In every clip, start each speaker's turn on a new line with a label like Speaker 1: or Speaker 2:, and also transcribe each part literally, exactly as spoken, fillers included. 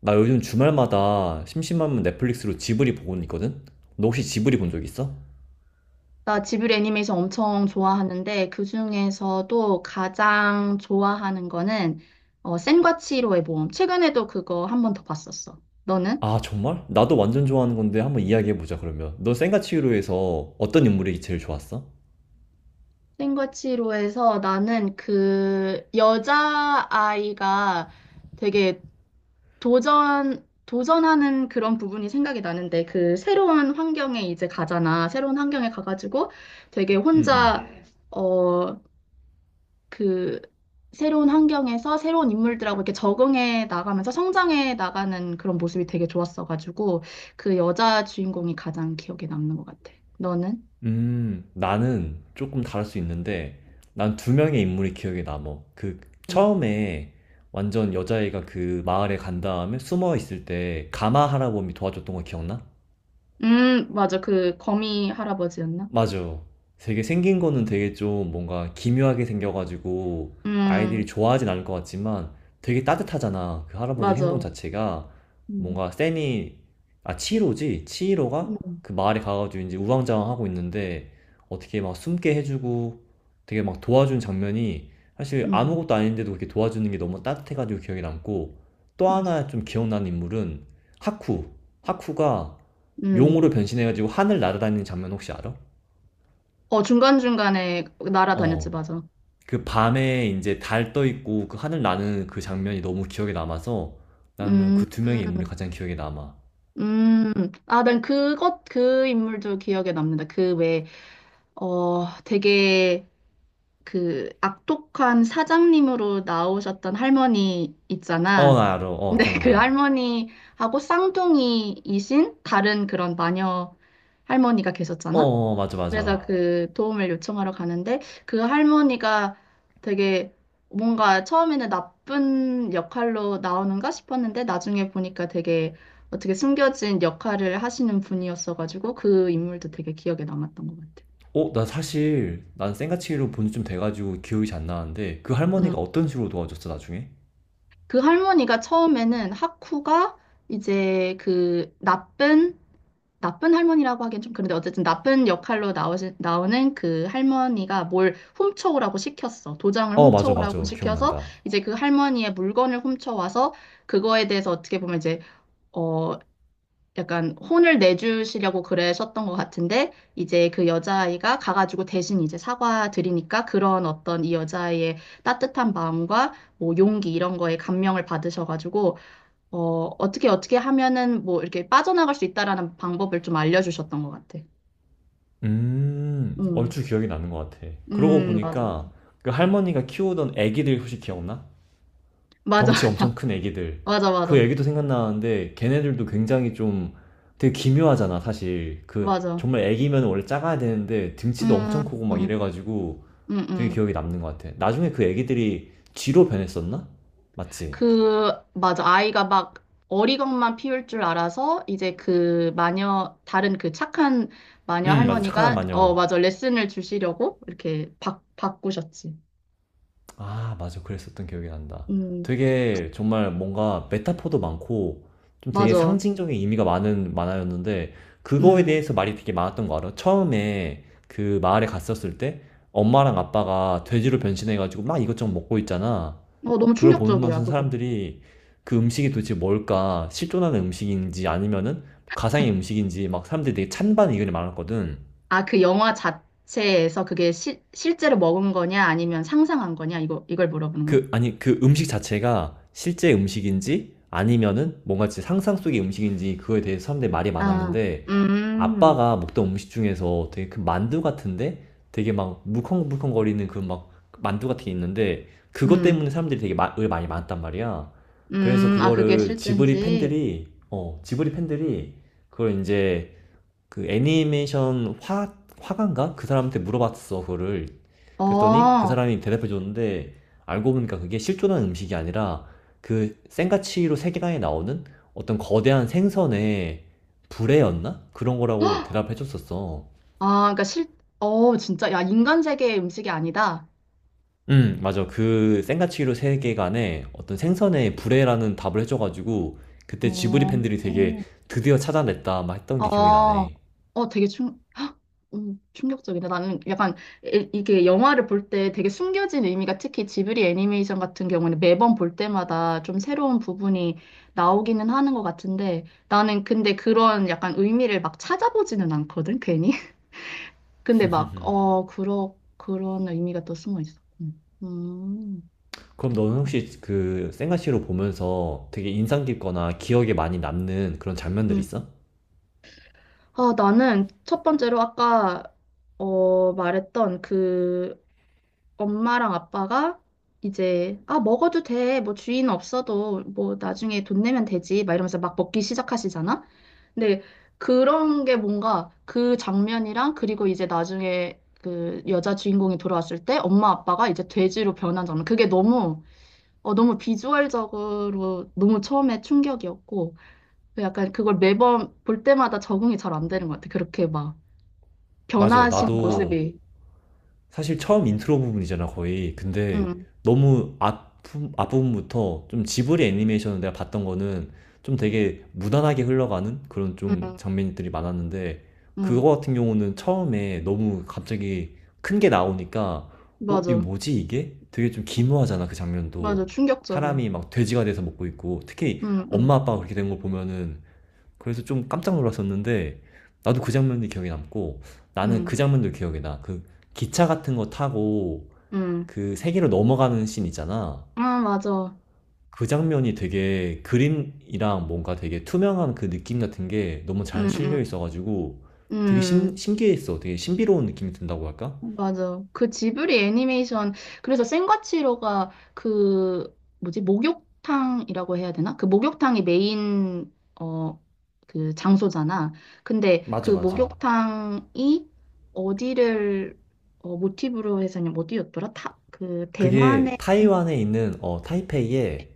Speaker 1: 나 요즘 주말마다 심심하면 넷플릭스로 지브리 보고는 있거든? 너 혹시 지브리 본 적 있어?
Speaker 2: 나 지브리 애니메이션 엄청 좋아하는데 그중에서도 가장 좋아하는 거는 어, 센과 치히로의 모험. 최근에도 그거 한 번 더 봤었어. 너는?
Speaker 1: 아, 정말? 나도 완전 좋아하는 건데 한번 이야기해보자, 그러면. 너 센과 치히로에서 어떤 인물이 제일 좋았어?
Speaker 2: 센과 치히로에서 나는 그 여자아이가 되게 도전 도전하는 그런 부분이 생각이 나는데 그 새로운 환경에 이제 가잖아. 새로운 환경에 가가지고 되게
Speaker 1: 음, 음.
Speaker 2: 혼자 어 그 새로운 환경에서 새로운 인물들하고 이렇게 적응해 나가면서 성장해 나가는 그런 모습이 되게 좋았어가지고 그 여자 주인공이 가장 기억에 남는 것 같아. 너는?
Speaker 1: 음, 나는 조금 다를 수 있는데, 난 두 명의 인물이 기억에 남어. 그,
Speaker 2: 음,
Speaker 1: 처음에 완전 여자애가 그 마을에 간 다음에 숨어 있을 때 가마 할아범이 도와줬던 거 기억나?
Speaker 2: 음, 맞아. 그 거미 할아버지였나?
Speaker 1: 맞아. 되게 생긴 거는 되게 좀 뭔가 기묘하게 생겨가지고 아이들이
Speaker 2: 음,
Speaker 1: 좋아하진 않을 것 같지만 되게 따뜻하잖아. 그 할아버지 행동
Speaker 2: 맞아.
Speaker 1: 자체가
Speaker 2: 음,
Speaker 1: 뭔가 세니, 아, 치히로지? 치히로가
Speaker 2: 음,
Speaker 1: 그 마을에 가가지고 이제 우왕좌왕 하고 있는데 어떻게 막 숨게 해주고 되게 막 도와준 장면이 사실
Speaker 2: 음,
Speaker 1: 아무것도 아닌데도 그렇게 도와주는 게 너무 따뜻해가지고 기억에 남고 또
Speaker 2: 맞아.
Speaker 1: 하나 좀 기억나는 인물은 하쿠. 하쿠가
Speaker 2: 음.
Speaker 1: 용으로 변신해가지고 하늘 날아다니는 장면 혹시 알아?
Speaker 2: 어, 중간중간에 날아다녔지,
Speaker 1: 어.
Speaker 2: 맞아.
Speaker 1: 그 밤에 이제 달 떠 있고 그 하늘 나는 그 장면이 너무 기억에 남아서 나는
Speaker 2: 음,
Speaker 1: 그 두 명의 인물이
Speaker 2: 음,
Speaker 1: 가장 기억에 남아.
Speaker 2: 음. 아, 난 그것, 그 인물도 기억에 남는다. 그 왜, 어, 되게 그 악독한 사장님으로 나오셨던 할머니
Speaker 1: 어,
Speaker 2: 있잖아.
Speaker 1: 나 알아. 어,
Speaker 2: 근데 그
Speaker 1: 기억나.
Speaker 2: 할머니하고 쌍둥이이신 다른 그런 마녀 할머니가
Speaker 1: 어,
Speaker 2: 계셨잖아.
Speaker 1: 어, 어, 맞아,
Speaker 2: 그래서
Speaker 1: 맞아.
Speaker 2: 그 도움을 요청하러 가는데 그 할머니가 되게 뭔가 처음에는 나쁜 역할로 나오는가 싶었는데 나중에 보니까 되게 어떻게 숨겨진 역할을 하시는 분이었어가지고 그 인물도 되게 기억에 남았던 것 같아.
Speaker 1: 어, 나 사실 난 생가치로 본지 좀 돼가지고 기억이 잘 안 나는데 그 할머니가 어떤 식으로 도와줬어, 나중에?
Speaker 2: 그 할머니가 처음에는 하쿠가 이제 그 나쁜 나쁜 할머니라고 하긴 좀 그런데 어쨌든 나쁜 역할로 나오시, 나오는 그 할머니가 뭘 훔쳐오라고 시켰어. 도장을
Speaker 1: 어, 맞아,
Speaker 2: 훔쳐오라고
Speaker 1: 맞아.
Speaker 2: 시켜서
Speaker 1: 기억난다.
Speaker 2: 이제 그 할머니의 물건을 훔쳐와서 그거에 대해서 어떻게 보면 이제 어 약간 혼을 내주시려고 그러셨던 것 같은데 이제 그 여자아이가 가가지고 대신 이제 사과드리니까 그런 어떤 이 여자아이의 따뜻한 마음과 뭐 용기 이런 거에 감명을 받으셔가지고 어, 어떻게 어떻게 하면은 뭐 이렇게 빠져나갈 수 있다라는 방법을 좀 알려주셨던 것 같아.
Speaker 1: 음,
Speaker 2: 음,
Speaker 1: 얼추 기억이 나는 것 같아. 그러고
Speaker 2: 음, 맞아,
Speaker 1: 보니까 그 할머니가 키우던 애기들 혹시 기억나?
Speaker 2: 맞아,
Speaker 1: 덩치 엄청 큰 애기들.
Speaker 2: 맞아,
Speaker 1: 그
Speaker 2: 맞아,
Speaker 1: 애기도 생각나는데 걔네들도 굉장히 좀 되게 기묘하잖아, 사실. 그
Speaker 2: 맞아.
Speaker 1: 정말 애기면 원래 작아야 되는데 등치도
Speaker 2: 음,
Speaker 1: 엄청 크고 막
Speaker 2: 음,
Speaker 1: 이래가지고
Speaker 2: 음,
Speaker 1: 되게
Speaker 2: 음.
Speaker 1: 기억에 남는 것 같아. 나중에 그 애기들이 쥐로 변했었나? 맞지?
Speaker 2: 그, 맞아. 아이가 막 어리광만 피울 줄 알아서 이제 그 마녀, 다른 그 착한 마녀
Speaker 1: 응, 맞아. 착한
Speaker 2: 할머니가,
Speaker 1: 마녀
Speaker 2: 어, 맞아. 레슨을 주시려고 이렇게 바, 바꾸셨지.
Speaker 1: 아, 맞아. 그랬었던 기억이 난다.
Speaker 2: 음,
Speaker 1: 되게 정말 뭔가 메타포도 많고 좀 되게
Speaker 2: 맞아.
Speaker 1: 상징적인 의미가 많은 만화였는데 그거에
Speaker 2: 음,
Speaker 1: 대해서 말이 되게 많았던 거 알아? 처음에 그 마을에 갔었을 때 엄마랑 아빠가 돼지로 변신해가지고 막 이것저것 먹고 있잖아.
Speaker 2: 어, 너무
Speaker 1: 그걸
Speaker 2: 충격적이야,
Speaker 1: 보면서
Speaker 2: 그거.
Speaker 1: 사람들이 그 음식이 도대체 뭘까? 실존하는 음식인지 아니면은 가상의 음식인지 막 사람들이 되게 찬반 의견이 많았거든.
Speaker 2: 아, 그 영화 자체에서 그게 시, 실제로 먹은 거냐 아니면 상상한 거냐 이거 이걸 물어보는 거야?
Speaker 1: 그 아니 그 음식 자체가 실제 음식인지 아니면은 뭔가 진짜 상상 속의 음식인지 그거에 대해서 사람들이 말이
Speaker 2: 아,
Speaker 1: 많았는데
Speaker 2: 음,
Speaker 1: 아빠가 먹던 음식 중에서 되게 그 만두 같은데 되게 막 물컹물컹거리는 그 막 만두 같은 게 있는데 그것
Speaker 2: 음,
Speaker 1: 때문에 사람들이 되게 마, 의 많이 많았단 말이야. 그래서
Speaker 2: 음, 아 그게
Speaker 1: 그거를 지브리
Speaker 2: 실제인지.
Speaker 1: 팬들이 어 지브리 팬들이 그걸 이제 그 애니메이션 화 화가인가? 그 사람한테 물어봤어 그거를.
Speaker 2: 어,
Speaker 1: 그랬더니 그
Speaker 2: 아,
Speaker 1: 사람이 대답해 줬는데 알고 보니까 그게 실존한 음식이 아니라 그 센가치로 세계관에 나오는 어떤 거대한 생선의 불에였나? 그런 거라고 대답해 줬었어.
Speaker 2: 그러니까 실, 어, 진짜, 야, 인간 세계의 음식이 아니다.
Speaker 1: 음, 맞아. 그 센가치히로 세계관에 어떤 생선의 불에라는 답을 해줘가지고 그때 지브리
Speaker 2: 어,
Speaker 1: 팬들이 되게
Speaker 2: 어.
Speaker 1: 드디어 찾아냈다 막 했던 게 기억이
Speaker 2: 아,
Speaker 1: 나네.
Speaker 2: 어, 되게 충, 헉, 음, 충격적이다. 나는 약간 이- 이게 영화를 볼 때 되게 숨겨진 의미가 특히 지브리 애니메이션 같은 경우는 매번 볼 때마다 좀 새로운 부분이 나오기는 하는 것 같은데 나는 근데 그런 약간 의미를 막 찾아보지는 않거든, 괜히. 근데 막, 어, 그러, 그런 의미가 또 숨어 있어. 음, 음,
Speaker 1: 그럼 너는
Speaker 2: 그렇구나.
Speaker 1: 혹시 그 생가시로 보면서 되게 인상 깊거나 기억에 많이 남는 그런 장면들
Speaker 2: 음.
Speaker 1: 있어?
Speaker 2: 아, 나는 첫 번째로 아까 어, 말했던 그 엄마랑 아빠가 이제 아, 먹어도 돼. 뭐 주인 없어도 뭐 나중에 돈 내면 되지. 막 이러면서 막 먹기 시작하시잖아. 근데 그런 게 뭔가 그 장면이랑 그리고 이제 나중에 그 여자 주인공이 돌아왔을 때 엄마 아빠가 이제 돼지로 변한 장면. 그게 너무 어 너무 비주얼적으로 너무 처음에 충격이었고 그 약간 그걸 매번 볼 때마다 적응이 잘 안 되는 것 같아. 그렇게 막
Speaker 1: 맞아.
Speaker 2: 변하신 아,
Speaker 1: 나도
Speaker 2: 모습이.
Speaker 1: 사실 처음 인트로 부분이잖아, 거의. 근데
Speaker 2: 응,
Speaker 1: 너무 앞, 앞부분부터 좀 지브리 애니메이션을 내가 봤던 거는 좀 되게 무난하게 흘러가는 그런 좀
Speaker 2: 응,
Speaker 1: 장면들이 많았는데
Speaker 2: 응,
Speaker 1: 그거 같은 경우는 처음에 너무 갑자기 큰 게 나오니까 어, 이거
Speaker 2: 맞아.
Speaker 1: 뭐지 이게? 되게 좀 기묘하잖아, 그
Speaker 2: 맞아,
Speaker 1: 장면도.
Speaker 2: 충격적이야.
Speaker 1: 사람이 막 돼지가 돼서 먹고 있고 특히
Speaker 2: 응, 응,
Speaker 1: 엄마 아빠가 그렇게 된 걸 보면은 그래서 좀 깜짝 놀랐었는데 나도 그 장면이 기억에 남고 나는
Speaker 2: 응,
Speaker 1: 그 장면도 기억이 나. 그 기차 같은 거 타고
Speaker 2: 응.
Speaker 1: 그 세계로 넘어가는 씬 있잖아.
Speaker 2: 아, 맞아.
Speaker 1: 그 장면이 되게 그림이랑 뭔가 되게 투명한 그 느낌 같은 게 너무 잘
Speaker 2: 응, 응,
Speaker 1: 실려 있어가지고 되게
Speaker 2: 응.
Speaker 1: 신, 신기했어. 되게 신비로운 느낌이 든다고 할까?
Speaker 2: 맞아. 그 지브리 애니메이션, 그래서 센과치로가 그, 뭐지, 목욕탕이라고 해야 되나? 그 목욕탕이 메인, 어, 그 장소잖아. 근데 그
Speaker 1: 맞아, 맞아.
Speaker 2: 목욕탕이 어디를, 어, 모티브로 해서, 어디였더라? 타, 그,
Speaker 1: 그게
Speaker 2: 대만의
Speaker 1: 타이완에 있는 어 타이페이에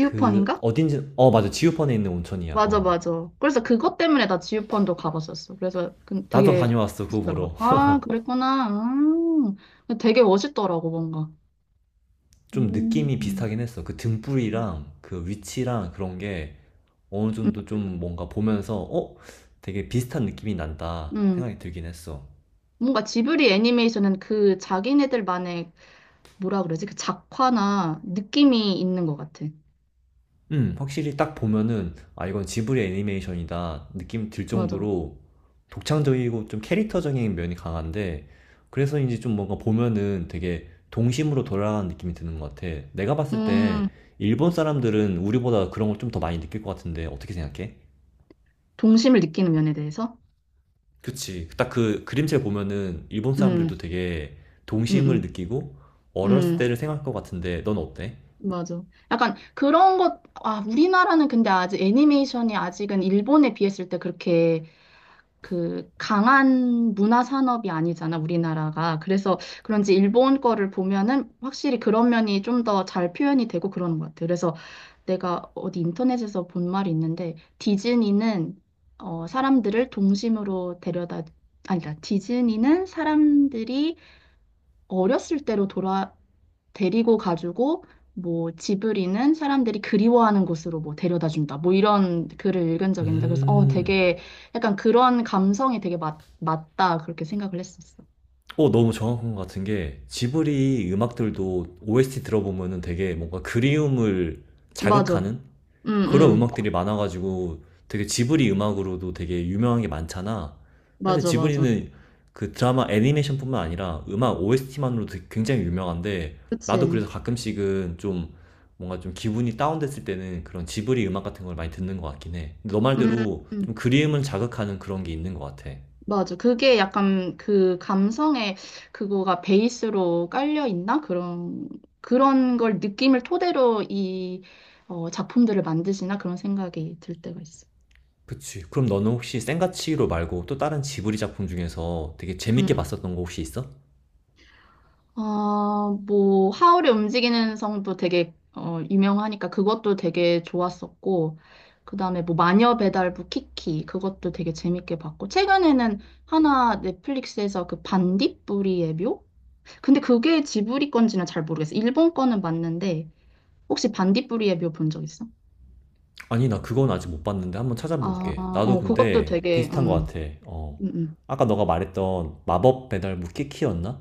Speaker 1: 그 어딘지 어 맞아 지우펀에 있는 온천이야.
Speaker 2: 맞아,
Speaker 1: 어
Speaker 2: 맞아. 그래서 그것 때문에 나 지우펀도 가봤었어. 그래서 그-
Speaker 1: 나도
Speaker 2: 되게,
Speaker 1: 다녀왔어 그거
Speaker 2: 멋있더라고.
Speaker 1: 보러.
Speaker 2: 아, 그랬구나. 음. 되게 멋있더라고, 뭔가.
Speaker 1: 좀
Speaker 2: 음.
Speaker 1: 느낌이
Speaker 2: 음.
Speaker 1: 비슷하긴 했어. 그 등불이랑 그 위치랑 그런 게 어느 정도 좀 뭔가 보면서 어? 되게 비슷한 느낌이 난다
Speaker 2: 음.
Speaker 1: 생각이 들긴 했어.
Speaker 2: 뭔가 지브리 애니메이션은 그 자기네들만의 뭐라 그러지? 그 작화나 느낌이 있는 것 같아.
Speaker 1: 음, 확실히 딱 보면은 아 이건 지브리 애니메이션이다 느낌 들
Speaker 2: 맞아.
Speaker 1: 정도로 독창적이고 좀 캐릭터적인 면이 강한데 그래서인지 좀 뭔가 보면은 되게 동심으로 돌아가는 느낌이 드는 것 같아. 내가 봤을 때
Speaker 2: 음,
Speaker 1: 일본 사람들은 우리보다 그런 걸 좀 더 많이 느낄 것 같은데 어떻게 생각해?
Speaker 2: 동심을 느끼는 면에 대해서?
Speaker 1: 그치. 딱 그 그림체 보면은 일본
Speaker 2: 음,
Speaker 1: 사람들도 되게
Speaker 2: 음,
Speaker 1: 동심을
Speaker 2: 음,
Speaker 1: 느끼고 어렸을
Speaker 2: 음,
Speaker 1: 때를 생각할 것 같은데 넌 어때?
Speaker 2: 맞아. 약간 그런 것, 아, 우리나라는 근데 아직 애니메이션이 아직은 일본에 비했을 때 그렇게 그 강한 문화 산업이 아니잖아, 우리나라가. 그래서 그런지 일본 거를 보면은 확실히 그런 면이 좀 더 잘 표현이 되고 그러는 것 같아요. 그래서 내가 어디 인터넷에서 본 말이 있는데 디즈니는 어, 사람들을 동심으로 데려다 아니다. 디즈니는 사람들이 어렸을 때로 돌아 데리고 가지고 뭐 지브리는 사람들이 그리워하는 곳으로 뭐 데려다 준다. 뭐 이런 글을 읽은 적이 있는데 그래서 어
Speaker 1: 음.
Speaker 2: 되게 약간 그런 감성이 되게 맞, 맞다 그렇게 생각을 했었어.
Speaker 1: 어, 너무 정확한 것 같은 게 지브리 음악들도 오에스티 들어보면은 되게 뭔가 그리움을
Speaker 2: 맞아.
Speaker 1: 자극하는
Speaker 2: 응,
Speaker 1: 그런
Speaker 2: 응.
Speaker 1: 음악들이 많아가지고 되게 지브리 음악으로도 되게 유명한 게 많잖아. 사실
Speaker 2: 맞아, 맞아.
Speaker 1: 지브리는 그 드라마 애니메이션뿐만 아니라 음악 오에스티만으로도 굉장히 유명한데 나도 그래서
Speaker 2: 그치.
Speaker 1: 가끔씩은 좀 뭔가 좀 기분이 다운됐을 때는 그런 지브리 음악 같은 걸 많이 듣는 것 같긴 해. 근데 너
Speaker 2: 음,
Speaker 1: 말대로
Speaker 2: 음.
Speaker 1: 좀 그리움을 자극하는 그런 게 있는 것 같아.
Speaker 2: 맞아. 그게 약간 그 감성의 그거가 베이스로 깔려 있나? 그런 그런 걸 느낌을 토대로 이 어, 작품들을 만드시나 그런 생각이 들 때가 있어.
Speaker 1: 그치. 그럼 너는 혹시 센과 치히로 말고 또 다른 지브리 작품 중에서 되게 재밌게 봤었던 거 혹시 있어?
Speaker 2: 아, 뭐, 하울의 움직이는 성도 되게, 어, 유명하니까 그것도 되게 좋았었고, 그 다음에 뭐, 마녀 배달부 키키, 그것도 되게 재밌게 봤고, 최근에는 하나 넷플릭스에서 그 반딧불이의 묘? 근데 그게 지브리 건지는 잘 모르겠어. 일본 거는 맞는데, 혹시 반딧불이의 묘 본 적 있어?
Speaker 1: 아니, 나 그건 아직 못 봤는데 한번
Speaker 2: 아,
Speaker 1: 찾아볼게. 나도
Speaker 2: 어, 그것도
Speaker 1: 근데
Speaker 2: 되게,
Speaker 1: 비슷한 것
Speaker 2: 음,
Speaker 1: 같아. 어.
Speaker 2: 음,
Speaker 1: 아까 너가 말했던 마법 배달부 키키였나?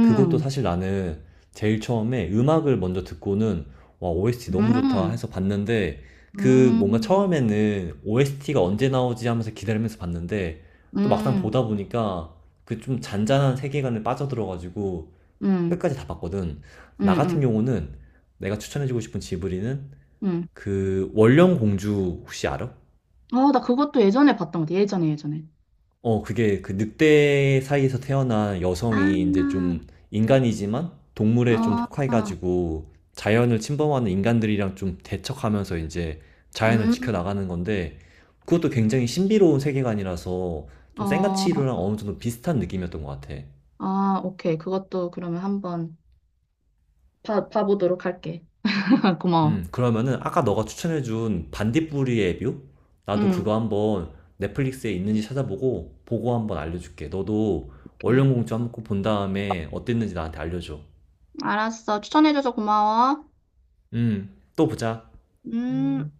Speaker 1: 그것도 사실 나는 제일 처음에 음악을 먼저 듣고는 와, 오에스티 너무 좋다
Speaker 2: 음,
Speaker 1: 해서 봤는데 그 뭔가
Speaker 2: 음,
Speaker 1: 처음에는 오에스티가 언제 나오지 하면서 기다리면서 봤는데
Speaker 2: 음,
Speaker 1: 또 막상
Speaker 2: 음,
Speaker 1: 보다 보니까 그 좀 잔잔한 세계관에 빠져들어가지고
Speaker 2: 음,
Speaker 1: 끝까지 다 봤거든.
Speaker 2: 음,
Speaker 1: 나 같은
Speaker 2: 음.
Speaker 1: 경우는 내가 추천해주고 싶은 지브리는
Speaker 2: 음.
Speaker 1: 그 원령 공주 혹시 알아?
Speaker 2: 아, 나 그것도 예전에 봤던 것 같아. 예전에, 예전에.
Speaker 1: 어, 그게 그 늑대 사이에서 태어난
Speaker 2: 아,
Speaker 1: 여성이 이제 좀 인간이지만 동물에 좀
Speaker 2: 아,
Speaker 1: 속해가지고 자연을 침범하는 인간들이랑 좀 대척하면서 이제 자연을
Speaker 2: 음,
Speaker 1: 지켜나가는 건데 그것도 굉장히 신비로운 세계관이라서 좀
Speaker 2: 어,
Speaker 1: 생가치로랑 어느 정도 비슷한 느낌이었던 것 같아.
Speaker 2: 아, 오케이. 그것도 그러면 한번 봐, 봐보도록 할게. 고마워.
Speaker 1: 음, 그러면은 아까 너가 추천해준 반딧불이의 뷰? 나도 그거
Speaker 2: 음,
Speaker 1: 한번 넷플릭스에 있는지 찾아보고 보고 한번 알려줄게. 너도
Speaker 2: 오케이.
Speaker 1: 원령공주 한번 꼭 본 다음에 어땠는지 나한테 알려줘.
Speaker 2: 알았어. 추천해줘서 고마워.
Speaker 1: 음, 또 보자.
Speaker 2: 음.